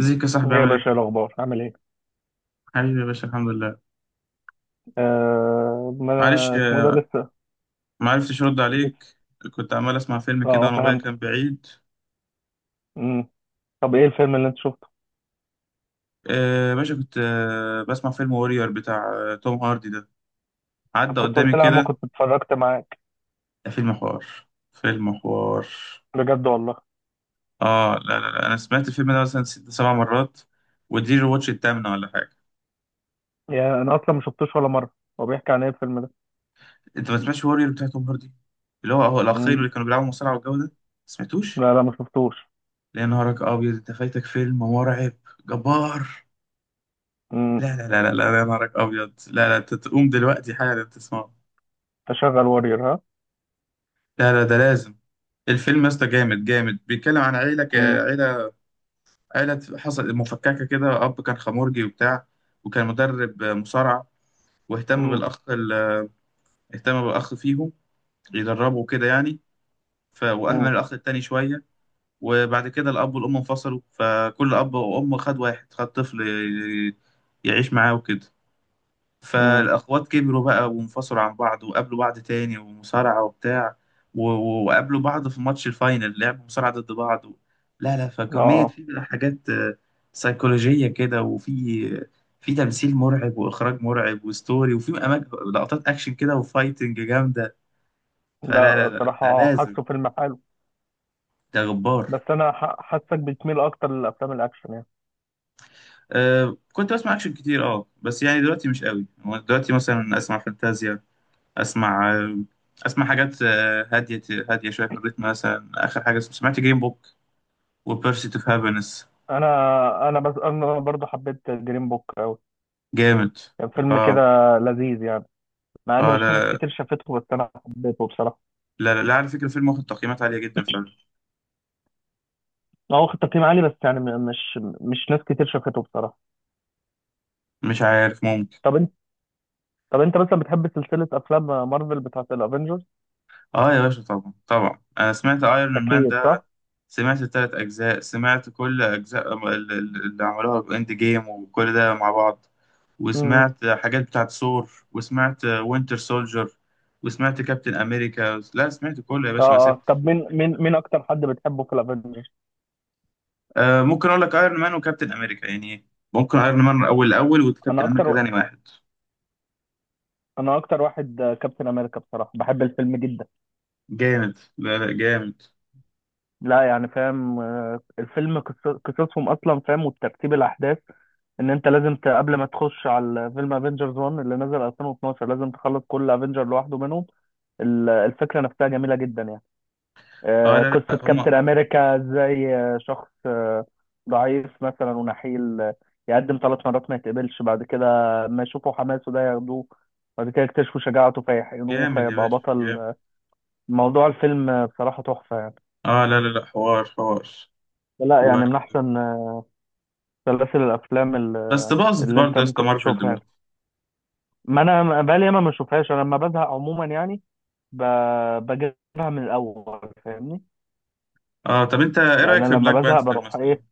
ازيك يا ايه صاحبي، يا عامل باشا، ايه؟ إيه الاخبار عامل ايه؟ حبيبي يا باشا، الحمد لله. آه، ما معلش، انا اسمه إيه ده. لسه ما عرفتش ارد لسه. عليك. كنت عمال اسمع فيلم كده وانا موبايلي فهمتك. كان بعيد. مم. طب ايه الفيلم اللي انت شفته؟ يا باشا، كنت بسمع فيلم وورير بتاع توم هاردي ده، طب عدى كنت قدامي قلت لي يا عم كده. كنت اتفرجت معاك. ده فيلم حوار، فيلم حوار. بجد والله. اه لا لا لا، انا سمعت الفيلم ده مثلا ست سبع مرات، ودي الواتش التامنة ولا حاجة. يا انا اصلا ما شفتوش ولا مره. هو بيحكي عن ايه الفيلم ده؟ انت ما سمعتش وورير بتاع توم هاردي؟ اللي هو الاخير، مم. اللي كانوا بيلعبوا مصارعة والجو ده، ما سمعتوش؟ لا لا ما شفتوش. يا نهارك ابيض، انت فايتك فيلم مرعب جبار. مم. لا لا لا لا لا، يا نهارك ابيض، لا لا، انت تقوم دلوقتي حالا تسمعه. تشغل وارير ها. لا لا، ده لازم. الفيلم يا اسطى جامد جامد، بيتكلم عن عيله. مم. عيله حصل مفككه كده. اب كان خمرجي وبتاع، وكان مدرب مصارعه. واهتم مم. بالاخ ال- اهتم بالاخ فيهم، يدربه كده يعني. ف مم. واهمل الاخ التاني شويه. وبعد كده الاب والام انفصلوا، فكل اب وام خد واحد، خد طفل يعيش معاه وكده. مم. فالأخوات كبروا بقى وانفصلوا عن بعض، وقابلوا بعض تاني، ومصارعة وبتاع. وقابلوا بعض في ماتش الفاينل، لعبوا مصارعة ضد بعض. و... لا لا، اه فكمية آه. في بقى حاجات سيكولوجية كده، وفي تمثيل مرعب وإخراج مرعب وستوري، وفي أماكن، لقطات أكشن كده وفايتنج جامدة. فلا لا لا لا، ده صراحه لازم. حاسه فيلم حلو. ده غبار. بس انا حاسك بتميل اكتر للافلام الاكشن يعني. أه، كنت بسمع أكشن كتير، بس يعني دلوقتي مش قوي، هو دلوقتي مثلا أسمع فانتازيا. اسمع اسمع حاجات هاديه، هاديه شويه في الريتم. مثلا اخر حاجه سمعت جيم بوك وبيرسيت اوف هابينس. انا بس انا برضو حبيت جرين بوك قوي. جامد. كان فيلم كده اه لذيذ يعني. مع ان اه مش ناس لا لا كتير شافته بس انا حبيته بصراحه. لا، لا، لا، على فكره فيلم واخد تقييمات عاليه جدا فمش هو واخد تقييم عالي بس يعني مش ناس كتير شافته بصراحه. عارف. ممكن. طب انت، طب انت مثلا بتحب سلسله افلام مارفل بتاعت الافينجرز؟ اه يا باشا، طبعا طبعا، انا سمعت ايرون مان اكيد ده، صح. سمعت الثلاث اجزاء، سمعت كل اجزاء اللي عملوها باند جيم وكل ده مع بعض، امم. وسمعت حاجات بتاعت ثور، وسمعت وينتر سولجر، وسمعت كابتن امريكا. لا، سمعت كله يا باشا، اه ما اه، سبت. طب مين اكتر حد بتحبه في الافينجرز؟ آه، ممكن اقول لك ايرون مان وكابتن امريكا يعني، ممكن ايرون مان اول الاول انا وكابتن امريكا اكتر، ثاني واحد. انا اكتر واحد كابتن امريكا بصراحه. بحب الفيلم جدا. جامد، لا لا جامد. لا يعني فاهم، آه، الفيلم قصصهم اصلا فاهم وترتيب الاحداث. ان انت لازم قبل ما تخش على فيلم افنجرز 1 اللي نزل 2012 لازم تخلص كل افنجر لوحده منهم. الفكره نفسها جميله جدا يعني. اه آه، لا قصه لا هما. كابتن امريكا ازاي آه، شخص آه، ضعيف مثلا ونحيل، آه، يقدم ثلاث مرات ما يتقبلش. بعد كده ما يشوفوا حماسه ده ياخدوه. بعد كده يكتشفوا شجاعته فيحقنوه جامد يا فيبقى باشا بطل. جامد. آه، موضوع الفيلم آه، بصراحه تحفه يعني. اه لا لا لا، حوار حوار. لا و... يعني من احسن آه، سلاسل الافلام بس اللي، باظت اللي برضه انت يا اسطى، ممكن مارفل تشوفها دلوقتي. يعني. ما انا بقالي ياما ما بشوفهاش. انا لما بزهق عموما يعني ب... بجيبها من الاول، فاهمني. اه، طب انت ايه يعني رايك في انا لما بلاك بزهق بانثر بروح مثلا؟ ايه،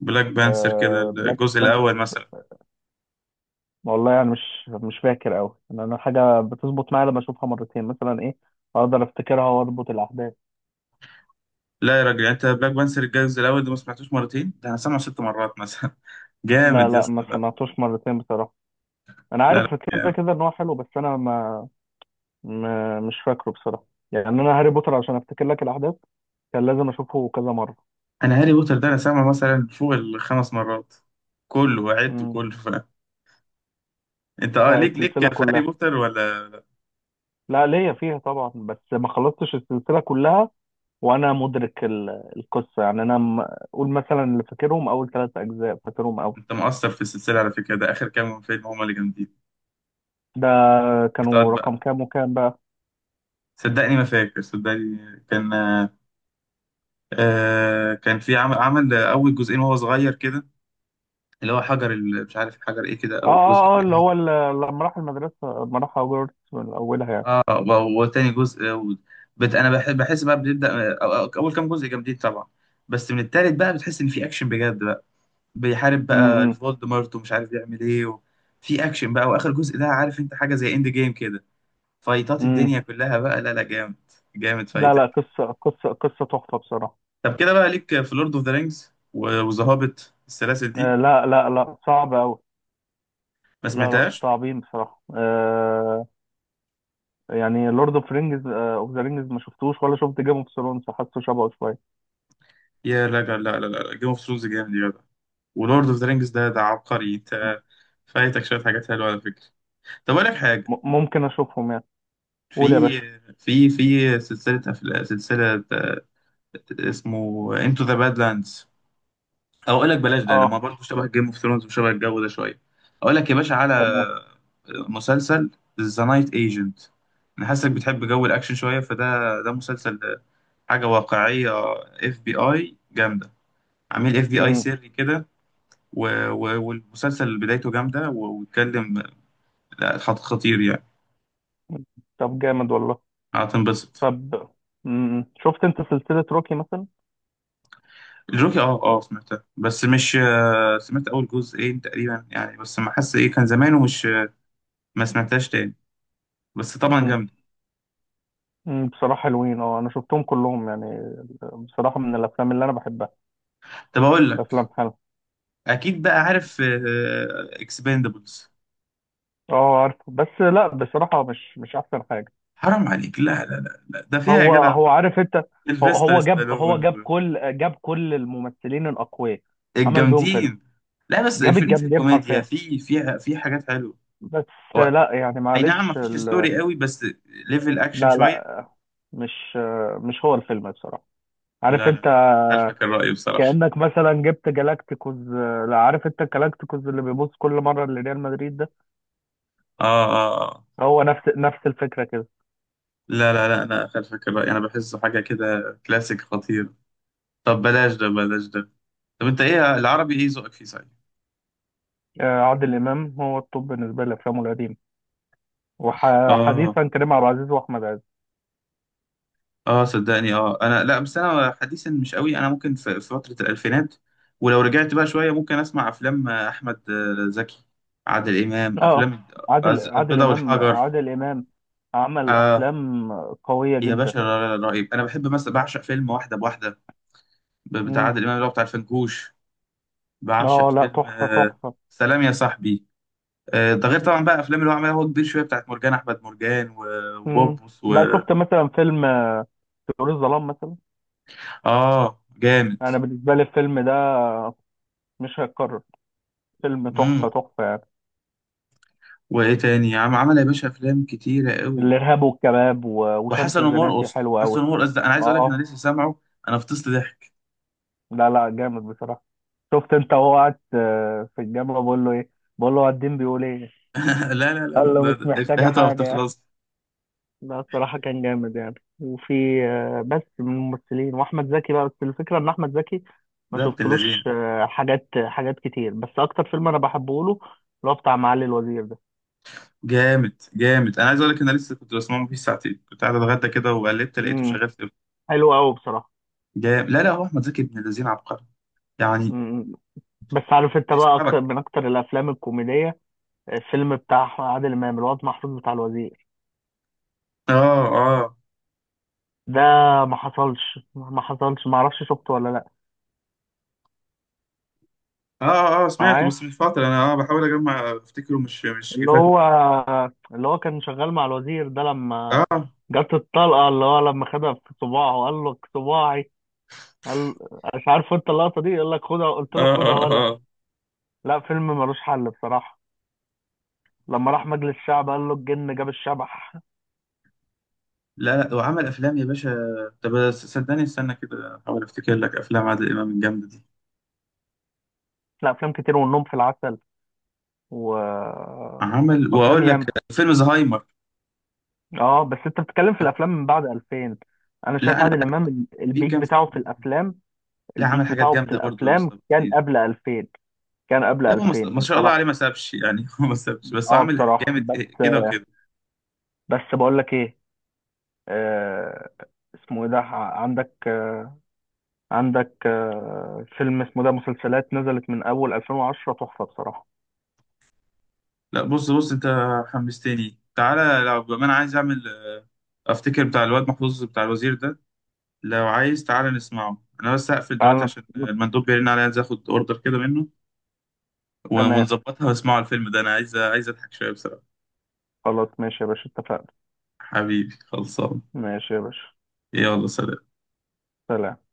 بلاك بانثر كده آه... بلاك الجزء بانثر. الاول مثلا. والله يعني مش فاكر قوي. يعني انا حاجه بتظبط معايا لما اشوفها مرتين مثلا، ايه، اقدر افتكرها واربط الاحداث. لا يا راجل، انت بلاك بانثر الجزء الاول ده ما سمعتوش مرتين، ده انا سامعه ست مرات مثلا لا جامد يا لا اسطى، ما لا. سمعتوش مرتين بصراحه. انا لا عارف كده لا، كده ان هو حلو بس انا ما... ما مش فاكره بصراحه. يعني انا هاري بوتر عشان افتكر لك الاحداث كان لازم اشوفه كذا مره. انا هاري بوتر ده انا سامعه مثلا فوق الخمس مرات، كله وعدته كله. ف... انت آه، ليك السلسلة ليك في هاري كلها. بوتر ولا؟ لا ليا فيها طبعا بس ما خلصتش السلسلة كلها. وأنا مدرك القصة يعني. أنا أقول مثلا اللي فاكرهم أول ثلاث أجزاء فاكرهم أوي. انت مقصر في السلسله على فكره، ده اخر كام فيلم هما اللي جامدين، ده كانوا بتقعد رقم بقى. كام وكام بقى؟ صدقني ما فاكر، صدقني كان. كان في عمل اول جزئين وهو صغير كده، اللي هو حجر مش عارف حجر ايه كده، آه او جزء. آه آه آه، اللي هو لما راح المدرسة، لما راح هوجورتس من أولها يعني. اه، وتاني جزء، انا بحس بقى بنبدا. اول كام جزء جامدين طبعا، بس من التالت بقى بتحس ان في اكشن بجد. بيحارب بقى امم. فولدمورت ومش عارف يعمل ايه. و... في اكشن بقى، واخر جزء ده عارف انت حاجه زي اند جيم كده، فايتات امم. الدنيا كلها بقى. لا لا جامد، جامد لا لا، فايتك. قصة قصة تحفة بصراحة. طب كده بقى ليك في لورد اوف ذا رينجز وذا هوبيت السلاسل دي؟ آه لا لا لا صعب أوي. ما لا لا سمعتهاش. صعبين بصراحة آه. يعني لورد اوف رينجز اوف ذا رينجز ما شفتوش، ولا شفت جيم اوف ثرونز. حاسه شبهه شوية. يا لا لا لا لا، جيم اوف ثرونز جامد يا جدع، ولورد اوف ذا رينجز ده عبقري، انت فايتك شويه حاجات حلوه على فكره. طب اقول لك حاجه، ممكن اشوفهم يعني. قول يا في باشا. في سلسله اسمه انتو ذا بادلاندز. او اقول لك بلاش ده، ده ما اه برضه شبه جيم اوف ثرونز وشبه الجو ده شويه. اقول لك يا باشا على تمام. مسلسل ذا نايت ايجنت. انا حاسسك بتحب جو الاكشن شويه، فده ده مسلسل، حاجه واقعيه. اف بي اي جامده، عميل اف بي اي امم. سري كده. والمسلسل بدايته جامده، واتكلم، لا خطير يعني. طب جامد والله. هتنبسط. طب امم، شفت انت سلسلة روكي مثلا؟ الجوكي سمعتها بس مش سمعت اول جزئين تقريبا يعني، بس ما حاسس، ايه كان زمان ومش. ما سمعتهاش تاني، بس طبعا امم. جامده. أمم، بصراحة حلوين. اه انا شفتهم كلهم يعني، بصراحة من الافلام اللي انا بحبها. طب اقول لك، افلام حلوة. اكيد بقى عارف اكسباندبلز. اه عارف بس لا بصراحة مش مش احسن حاجة. حرام عليك، لا لا لا، لا، ده فيها يا هو جدع هو عارف انت. هو سيلفستر هو جاب هو ستالون، جاب و- كل جاب كل الممثلين الاقوياء، عمل بيهم فيلم. الجامدين. لا بس جاب الفيلم فيه الجامدين كوميديا، حرفيا. فيه حاجات حلوه. بس هو لا يعني اي نعم معلش مفيش ستوري قوي، بس ليفل اكشن لا شويه. لا مش مش هو الفيلم بصراحة، عارف لا لا انت. لا، خلفك الرأي بصراحه. كأنك مثلا جبت جالاكتيكوز. لا عارف انت الجالاكتيكوز اللي بيبص كل مرة لريال مدريد ده. اه اه آه. هو نفس الفكرة كده. لا لا لا، انا خلفك الرأي، انا بحسه حاجه كده كلاسيك خطير. طب بلاش ده، بلاش ده. طب انت ايه العربي، ايه ذوقك فيه صحيح؟ آه، عادل إمام هو الطب بالنسبة لأفلامه القديمة، اه وحديثا كريم عبد العزيز وأحمد عز. اه، صدقني، انا لا، بس انا حديثا مش قوي، انا ممكن في فترة الالفينات، ولو رجعت بقى شوية ممكن اسمع افلام احمد زكي، عادل امام. اه، افلام عادل عادل البيضة إمام والحجر، عادل إمام عمل آه أفلام قوية يا جدا. باشا، رهيب. انا بحب مثلا، بعشق فيلم واحدة بواحدة، بتاع مم. عادل امام اللي هو بتاع الفنكوش. بعشق اه لا، فيلم تحفة آه تحفة. سلام يا صاحبي. ده غير طبعا بقى افلام اللي هو عملها هو كبير شوية، بتاعت مرجان احمد مرجان، مم. وبوبوس. لا، شفت مثلا فيلم طيور الظلام مثلا؟ اه جامد. انا بالنسبة لي الفيلم ده مش هيتكرر. فيلم تحفة امم. تحفة. وايه تاني عمل يا باشا؟ افلام كتيرة قوي. الارهاب والكباب وشمس وحسن الزناتي ومرقص، حلوه حسن قوي. ومرقص ده انا عايز اقول اه لك، انا اه. لسه سامعه، انا فطست ضحك. لا لا جامد بصراحه. شفت انت وهو قاعد، آه، في الجامعه بقول له ايه؟ بقول له الدين بيقول ايه؟ لا لا لا لا، قال له ده مش ده محتاجه افيهاته ما حاجه. بتخلص. لا الصراحه كان جامد يعني، وفي آه، بس من الممثلين واحمد زكي بقى. بس الفكره ان احمد زكي ما ده ابن شفتلوش اللذين. آه، حاجات كتير. بس اكتر فيلم انا بحبه له اللي هو بتاع معالي الوزير ده. جامد جامد، انا عايز اقول لك، انا لسه كنت بسمعه، فيه ساعتين كنت قاعد اتغدى كده وقلبت لقيته امم. شغال في. حلو قوي بصراحه. جامد لا لا، هو احمد زكي ابن اللذين عبقري يعني، امم. بس عارف انت بقى اكتر بيسحبك. من اكتر الافلام الكوميديه، الفيلم بتاع عادل امام الواد محفوظ بتاع الوزير اه اه ده. ما اعرفش شفته ولا لا. اه سمعته معايا، بس من فترة، انا بحاول اجمع افتكره، مش اللي فاكره. هو، اللي هو كان شغال مع الوزير ده، اه لما اه جت الطلقه اللي هو لما خدها في صباعه وقال له صباعي. قال، مش عارف انت اللقطه دي؟ يقول لك خدها، قلت اه له خدها ولا. اه لا، فيلم ملوش حل بصراحه. لما راح مجلس الشعب قال له الجن جاب الشبح. لا لا وعمل افلام يا باشا. طب صدقني، استنى كده احاول افتكر لك افلام عادل امام الجامدة دي. لا افلام كتير، والنوم في العسل و، عمل، وافلام واقول لك ياما. فيلم زهايمر. اه بس انت بتتكلم في الافلام من بعد 2000. انا لا شايف انا، عادل امام في البيك كام بتاعه فيلم. في الافلام، لا عمل البيك حاجات بتاعه في جامده برضه يا الافلام اسطى. كان قبل 2000. كان قبل لا، هو ما 2000 ما شاء الله عليه، ما بصراحه. سابش يعني. هو ما سابش، بس هو اه عامل بصراحه. جامد، بس كده وكده. بس بقول لك ايه، آه، اسمه ايه ده؟ عندك آه، عندك آه فيلم اسمه ده. مسلسلات نزلت من اول 2010 تحفه بصراحه. لا بص بص انت، حمستني، تعالى لو بما انا عايز اعمل، افتكر بتاع الواد محفوظ بتاع الوزير ده. لو عايز تعالى نسمعه، انا بس هقفل تعال دلوقتي عشان المندوب بيرن عليا عايز اخد اوردر كده منه. تمام. ونظبطها، واسمعوا الفيلم ده، انا عايز اضحك شويه بصراحه. خلاص ماشي يا باشا، اتفقنا. حبيبي خلصان. ماشي يا باشا. يلا سلام. سلام.